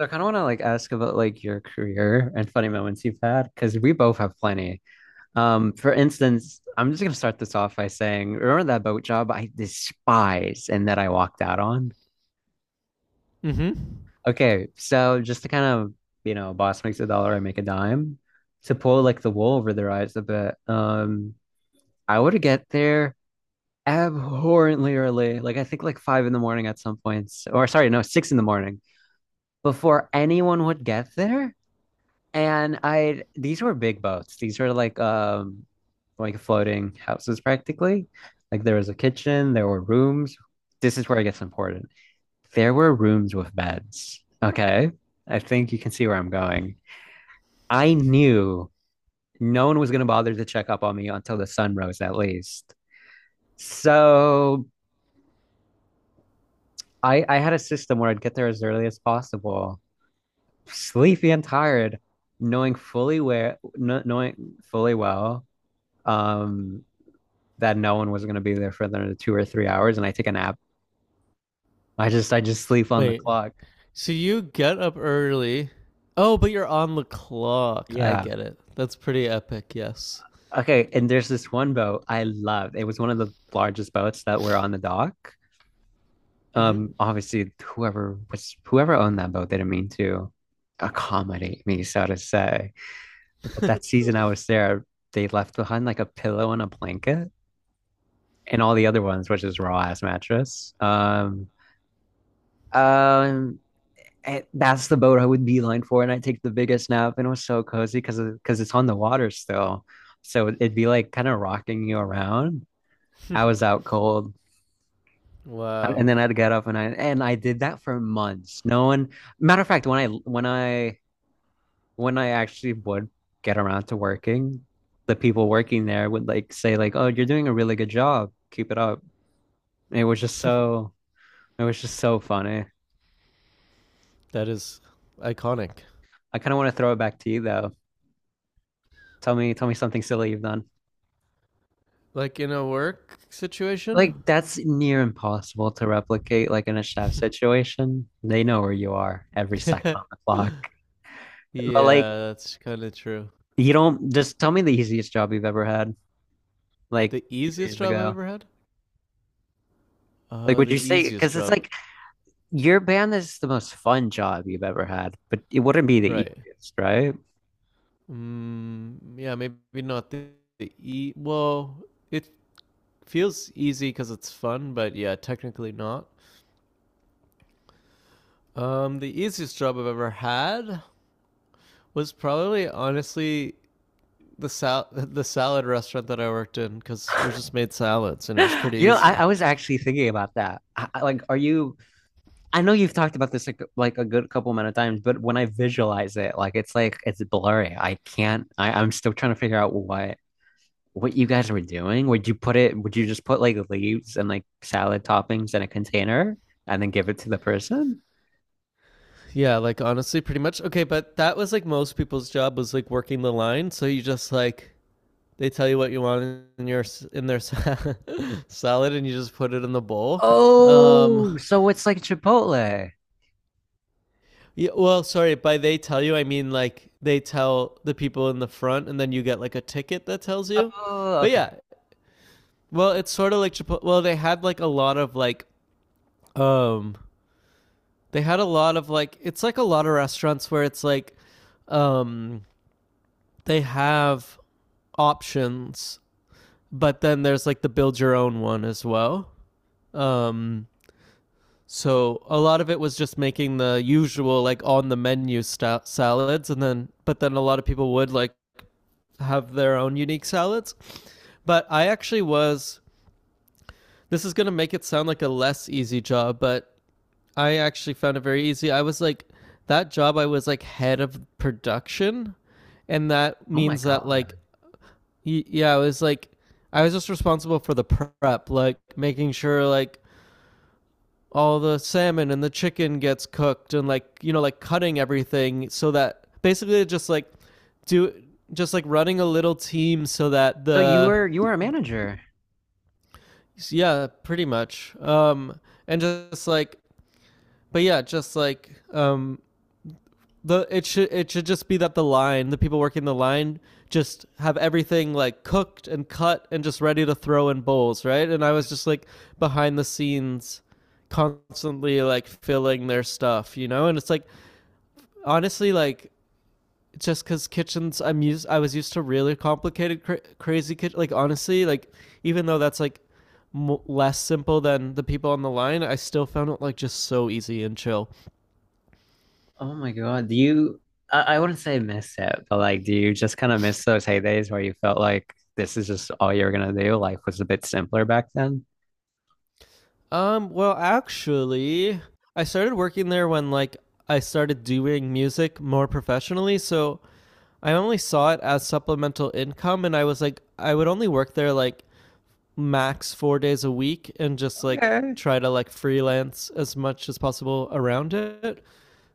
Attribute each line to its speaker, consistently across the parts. Speaker 1: So I kind of want to like ask about like your career and funny moments you've had because we both have plenty. For instance, I'm just gonna start this off by saying, remember that boat job I despise and that I walked out on?
Speaker 2: Mm-hmm.
Speaker 1: Okay, so just to kind of, boss makes a dollar, I make a dime. To pull like the wool over their eyes a bit, I would get there abhorrently early, like I think like 5 in the morning at some points, or sorry, no, 6 in the morning before anyone would get there. And I These were big boats. These were like floating houses practically. Like there was a kitchen, there were rooms. This is where it gets important. There were rooms with beds. Okay. I think you can see where I'm going. I knew no one was gonna bother to check up on me until the sun rose at least. So I had a system where I'd get there as early as possible, sleepy and tired, knowing fully well um that no one was going to be there for the 2 or 3 hours and I take a nap. I just sleep on the
Speaker 2: Wait.
Speaker 1: clock.
Speaker 2: So you get up early. Oh, but you're on the clock. I
Speaker 1: Yeah.
Speaker 2: get it. That's pretty epic. Yes.
Speaker 1: Okay. And there's this one boat I loved. It was one of the largest boats that were on the dock.
Speaker 2: Mm-hmm.
Speaker 1: Obviously whoever owned that boat, they didn't mean to accommodate me, so to say. But that season I was there, they left behind like a pillow and a blanket and all the other ones, which is raw ass mattress. Um, And that's the boat I would beeline for, and I take the biggest nap, and it was so cozy because it's on the water still, so it'd be like kind of rocking you around. I was out cold, and
Speaker 2: wow.
Speaker 1: then I'd get up, and I did that for months. No one, matter of fact, when I actually would get around to working, the people working there would like say like, "Oh, you're doing a really good job. Keep it up." And it was just so funny.
Speaker 2: That is iconic.
Speaker 1: I kind of want to throw it back to you though. Tell me something silly you've done.
Speaker 2: Like in a work situation?
Speaker 1: Like that's near impossible to replicate like in a chef situation. They know where you are every second
Speaker 2: yeah,
Speaker 1: on the clock. But like
Speaker 2: that's kind of true.
Speaker 1: you don't just tell me the easiest job you've ever had like
Speaker 2: The
Speaker 1: a few
Speaker 2: easiest
Speaker 1: years
Speaker 2: job I've
Speaker 1: ago.
Speaker 2: ever had?
Speaker 1: Like would
Speaker 2: The
Speaker 1: you say
Speaker 2: easiest
Speaker 1: because it's
Speaker 2: job.
Speaker 1: like your band is the most fun job you've ever had, but it wouldn't be the
Speaker 2: Right.
Speaker 1: easiest, right?
Speaker 2: Yeah, maybe not the, the e. Well, it feels easy because it's fun, but yeah, technically not. The easiest job I've ever had was probably honestly the the salad restaurant that I worked in because we just made salads and it was pretty
Speaker 1: You know, I
Speaker 2: easy.
Speaker 1: was actually thinking about that. Like, are you? I know you've talked about this like a good couple amount of times, but when I visualize it, like it's blurry. I can't. I'm still trying to figure out what you guys were doing? Would you put it, would you just put like leaves and like salad toppings in a container and then give it to the person?
Speaker 2: Yeah, like honestly, pretty much. Okay, but that was like most people's job was like working the line. So you just like they tell you what you want in your in their salad and you just put it in the bowl. Um,
Speaker 1: Oh, so it's like Chipotle.
Speaker 2: yeah, well, sorry, by they tell you, I mean like they tell the people in the front and then you get like a ticket that tells you.
Speaker 1: Oh,
Speaker 2: But yeah,
Speaker 1: okay.
Speaker 2: well, it's sort of like Chipotle. Well, they had like a lot of like um they had a lot of like it's like a lot of restaurants where it's like um they have options, but then there's like the build your own one as well. Um so a lot of it was just making the usual like on the menu salads and then but then a lot of people would like have their own unique salads. But I actually was, this is going to make it sound like a less easy job, but I actually found it very easy. I was like, that job, I was like head of production. And that
Speaker 1: Oh my
Speaker 2: means that,
Speaker 1: God.
Speaker 2: like, yeah, I was like, I was just responsible for the prep, like making sure, like, all the salmon and the chicken gets cooked and, like, you know, like cutting everything so that basically just like do just like running a little team so that
Speaker 1: So
Speaker 2: the,
Speaker 1: you were a manager.
Speaker 2: yeah, pretty much. And just like, but yeah, just like, the it should just be that the people working the line just have everything like cooked and cut and just ready to throw in bowls, right? And I was just like behind the scenes constantly like filling their stuff, you know? And it's like honestly like just because kitchens I was used to really complicated crazy kitchen, like honestly like even though that's like less simple than the people on the line, I still found it like just so easy and chill.
Speaker 1: Oh my God. I wouldn't say miss it, but like, do you just kind of miss those heydays where you felt like this is just all you're gonna do? Life was a bit simpler back then.
Speaker 2: Well, actually, I started working there when like I started doing music more professionally, so I only saw it as supplemental income and I was like I would only work there like max 4 days a week and just like
Speaker 1: Okay.
Speaker 2: try to like freelance as much as possible around it.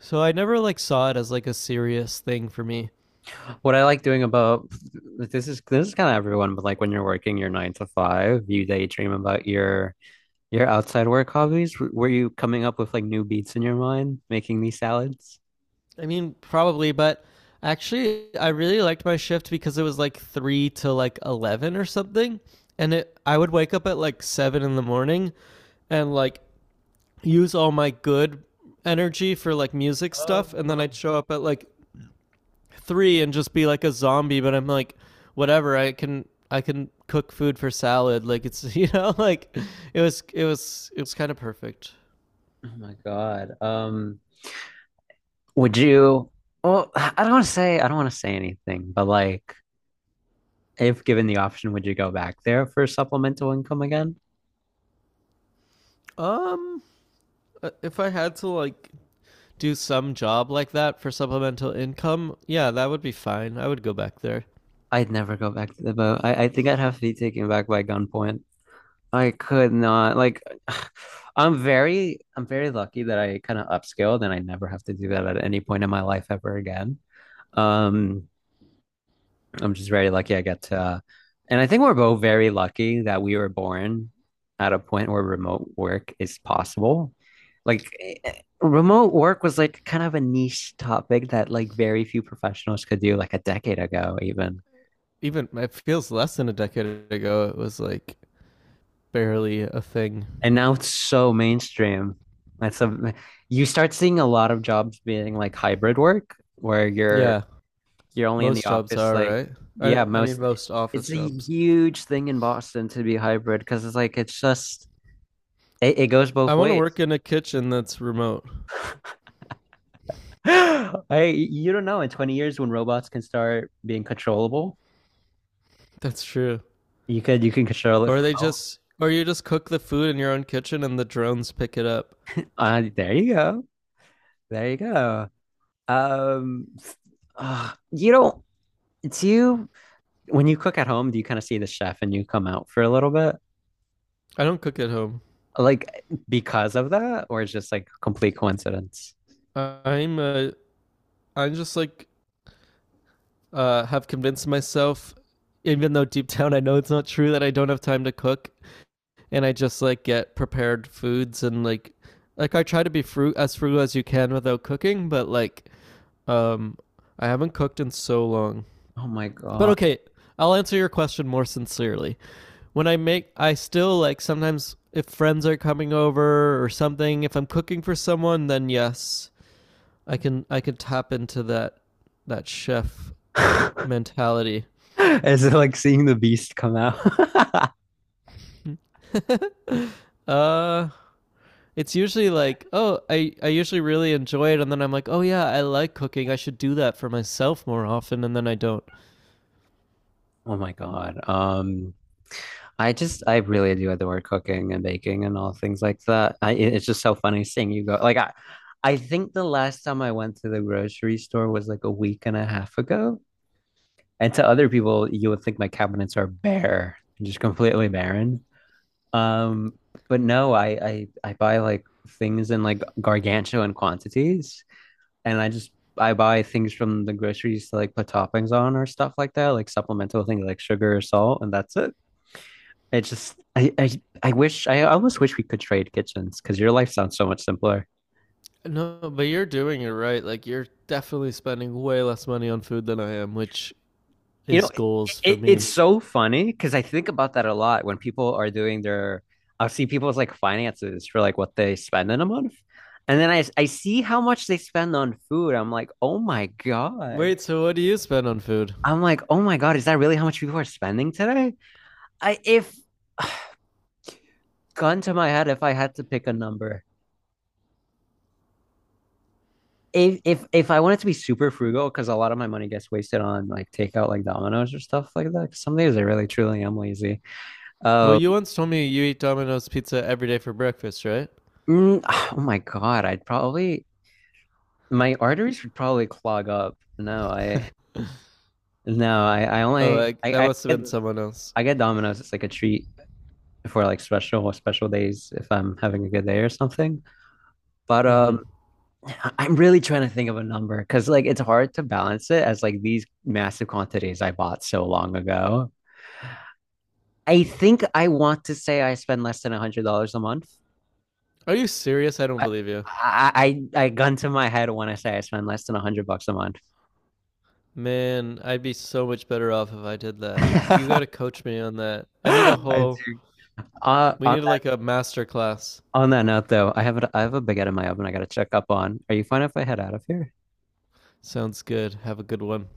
Speaker 2: So I never like saw it as like a serious thing for me.
Speaker 1: What I like doing about this is kind of everyone, but like when you're working your nine to five, you daydream about your outside work hobbies? Were you coming up with like new beats in your mind, making these salads?
Speaker 2: I mean, probably, but actually, I really liked my shift because it was like three to like 11 or something, and it I would wake up at like seven in the morning, and like use all my good energy for like music stuff, and then
Speaker 1: Oh,
Speaker 2: I'd show up at like three and just be like a zombie. But I'm like, whatever, I can cook food for salad. Like it's you know like it was kind of perfect.
Speaker 1: oh my God. Would you? Well, I don't want to say anything, but like, if given the option, would you go back there for supplemental income again?
Speaker 2: Um, if I had to like do some job like that for supplemental income, yeah, that would be fine. I would go back there.
Speaker 1: I'd never go back to the boat. I think I'd have to be taken back by gunpoint. I could not. Like, I'm very lucky that I kind of upscaled and I never have to do that at any point in my life ever again. Um, I'm just very lucky I get to, and I think we're both very lucky that we were born at a point where remote work is possible. Like remote work was like kind of a niche topic that like very few professionals could do like a decade ago even.
Speaker 2: Even it feels less than a decade ago, it was like barely a thing.
Speaker 1: And now it's so mainstream. That's a you start seeing a lot of jobs being like hybrid work where you're
Speaker 2: Yeah,
Speaker 1: you're only in the
Speaker 2: most jobs
Speaker 1: office,
Speaker 2: are,
Speaker 1: like.
Speaker 2: right? I,
Speaker 1: Yeah,
Speaker 2: I mean,
Speaker 1: most.
Speaker 2: most office
Speaker 1: It's a
Speaker 2: jobs.
Speaker 1: huge thing in Boston to be hybrid because it's like it's just It goes
Speaker 2: I
Speaker 1: both
Speaker 2: want to
Speaker 1: ways.
Speaker 2: work in a kitchen that's remote.
Speaker 1: I you don't know in 20 years when robots can start being controllable,
Speaker 2: That's true.
Speaker 1: you can control it
Speaker 2: Or
Speaker 1: from
Speaker 2: they
Speaker 1: home.
Speaker 2: just, or you just cook the food in your own kitchen and the drones pick it up.
Speaker 1: There you go. There you go. Um, you don't do you when you cook at home, do you kind of see the chef and you come out for a little bit?
Speaker 2: I don't cook at home.
Speaker 1: Like because of that, or it's just like complete coincidence?
Speaker 2: I- I'm a, I'm just like have convinced myself, even though deep down I know it's not true, that I don't have time to cook, and I just like get prepared foods and like I try to be fruit as frugal as you can without cooking, but like, um, I haven't cooked in so long.
Speaker 1: Oh my
Speaker 2: But
Speaker 1: God.
Speaker 2: okay, I'll answer your question more sincerely. When I make, I still like sometimes if friends are coming over or something. If I'm cooking for someone, then yes, I can tap into that chef mentality.
Speaker 1: Is it like seeing the beast come out?
Speaker 2: uh, it's usually like, oh, I usually really enjoy it. And then I'm like, oh, yeah, I like cooking. I should do that for myself more often. And then I don't.
Speaker 1: Oh my God. I just I really do adore cooking and baking and all things like that. I it- it's just so funny seeing you go. Like I think the last time I went to the grocery store was like a week and a half ago. And to other people, you would think my cabinets are bare, just completely barren. Um, but no, I buy like things in like gargantuan quantities and I buy things from the groceries to like put toppings on or stuff like that, like supplemental things like sugar or salt, and that's it. It just I wish I almost wish we could trade kitchens because your life sounds so much simpler.
Speaker 2: No, but you're doing it right. Like, you're definitely spending way less money on food than I am, which
Speaker 1: You
Speaker 2: is
Speaker 1: know,
Speaker 2: goals for
Speaker 1: it's
Speaker 2: me.
Speaker 1: so funny because I think about that a lot when people are doing their I'll see people's like finances for like what they spend in a month. And then I see how much they spend on food. I'm like, oh my God.
Speaker 2: Wait, so what do you spend on food?
Speaker 1: I'm like, oh my God, is that really how much people are spending today? I if gun to my head if I had to pick a number. If I wanted to be super frugal, because a lot of my money gets wasted on like takeout, like Domino's or stuff like that, 'cause some days I really truly am lazy.
Speaker 2: Well,
Speaker 1: Uh,
Speaker 2: you once told me you eat Domino's pizza every day for breakfast, right?
Speaker 1: mm, oh my God, I'd probably my arteries would probably clog up. No, I no, I
Speaker 2: Oh,
Speaker 1: only
Speaker 2: like, that
Speaker 1: I
Speaker 2: must have been someone else.
Speaker 1: get Domino's. It's like a treat for like special special days if I'm having a good day or something. But
Speaker 2: Hmm.
Speaker 1: I'm really trying to think of a number because like it's hard to balance it as like these massive quantities I bought so long ago. I think I want to say I spend less than $100 a month.
Speaker 2: Are you serious? I don't
Speaker 1: I,
Speaker 2: believe you.
Speaker 1: I I gun to my head when I say I spend less than 100 bucks a month.
Speaker 2: Man, I'd be so much better off if I did that. You
Speaker 1: I
Speaker 2: gotta coach me on that. I need a
Speaker 1: do.
Speaker 2: whole, we
Speaker 1: On
Speaker 2: need
Speaker 1: that
Speaker 2: like a master class.
Speaker 1: note though, I have a baguette in my oven I gotta check up on. Are you fine if I head out of here?
Speaker 2: Sounds good. Have a good one.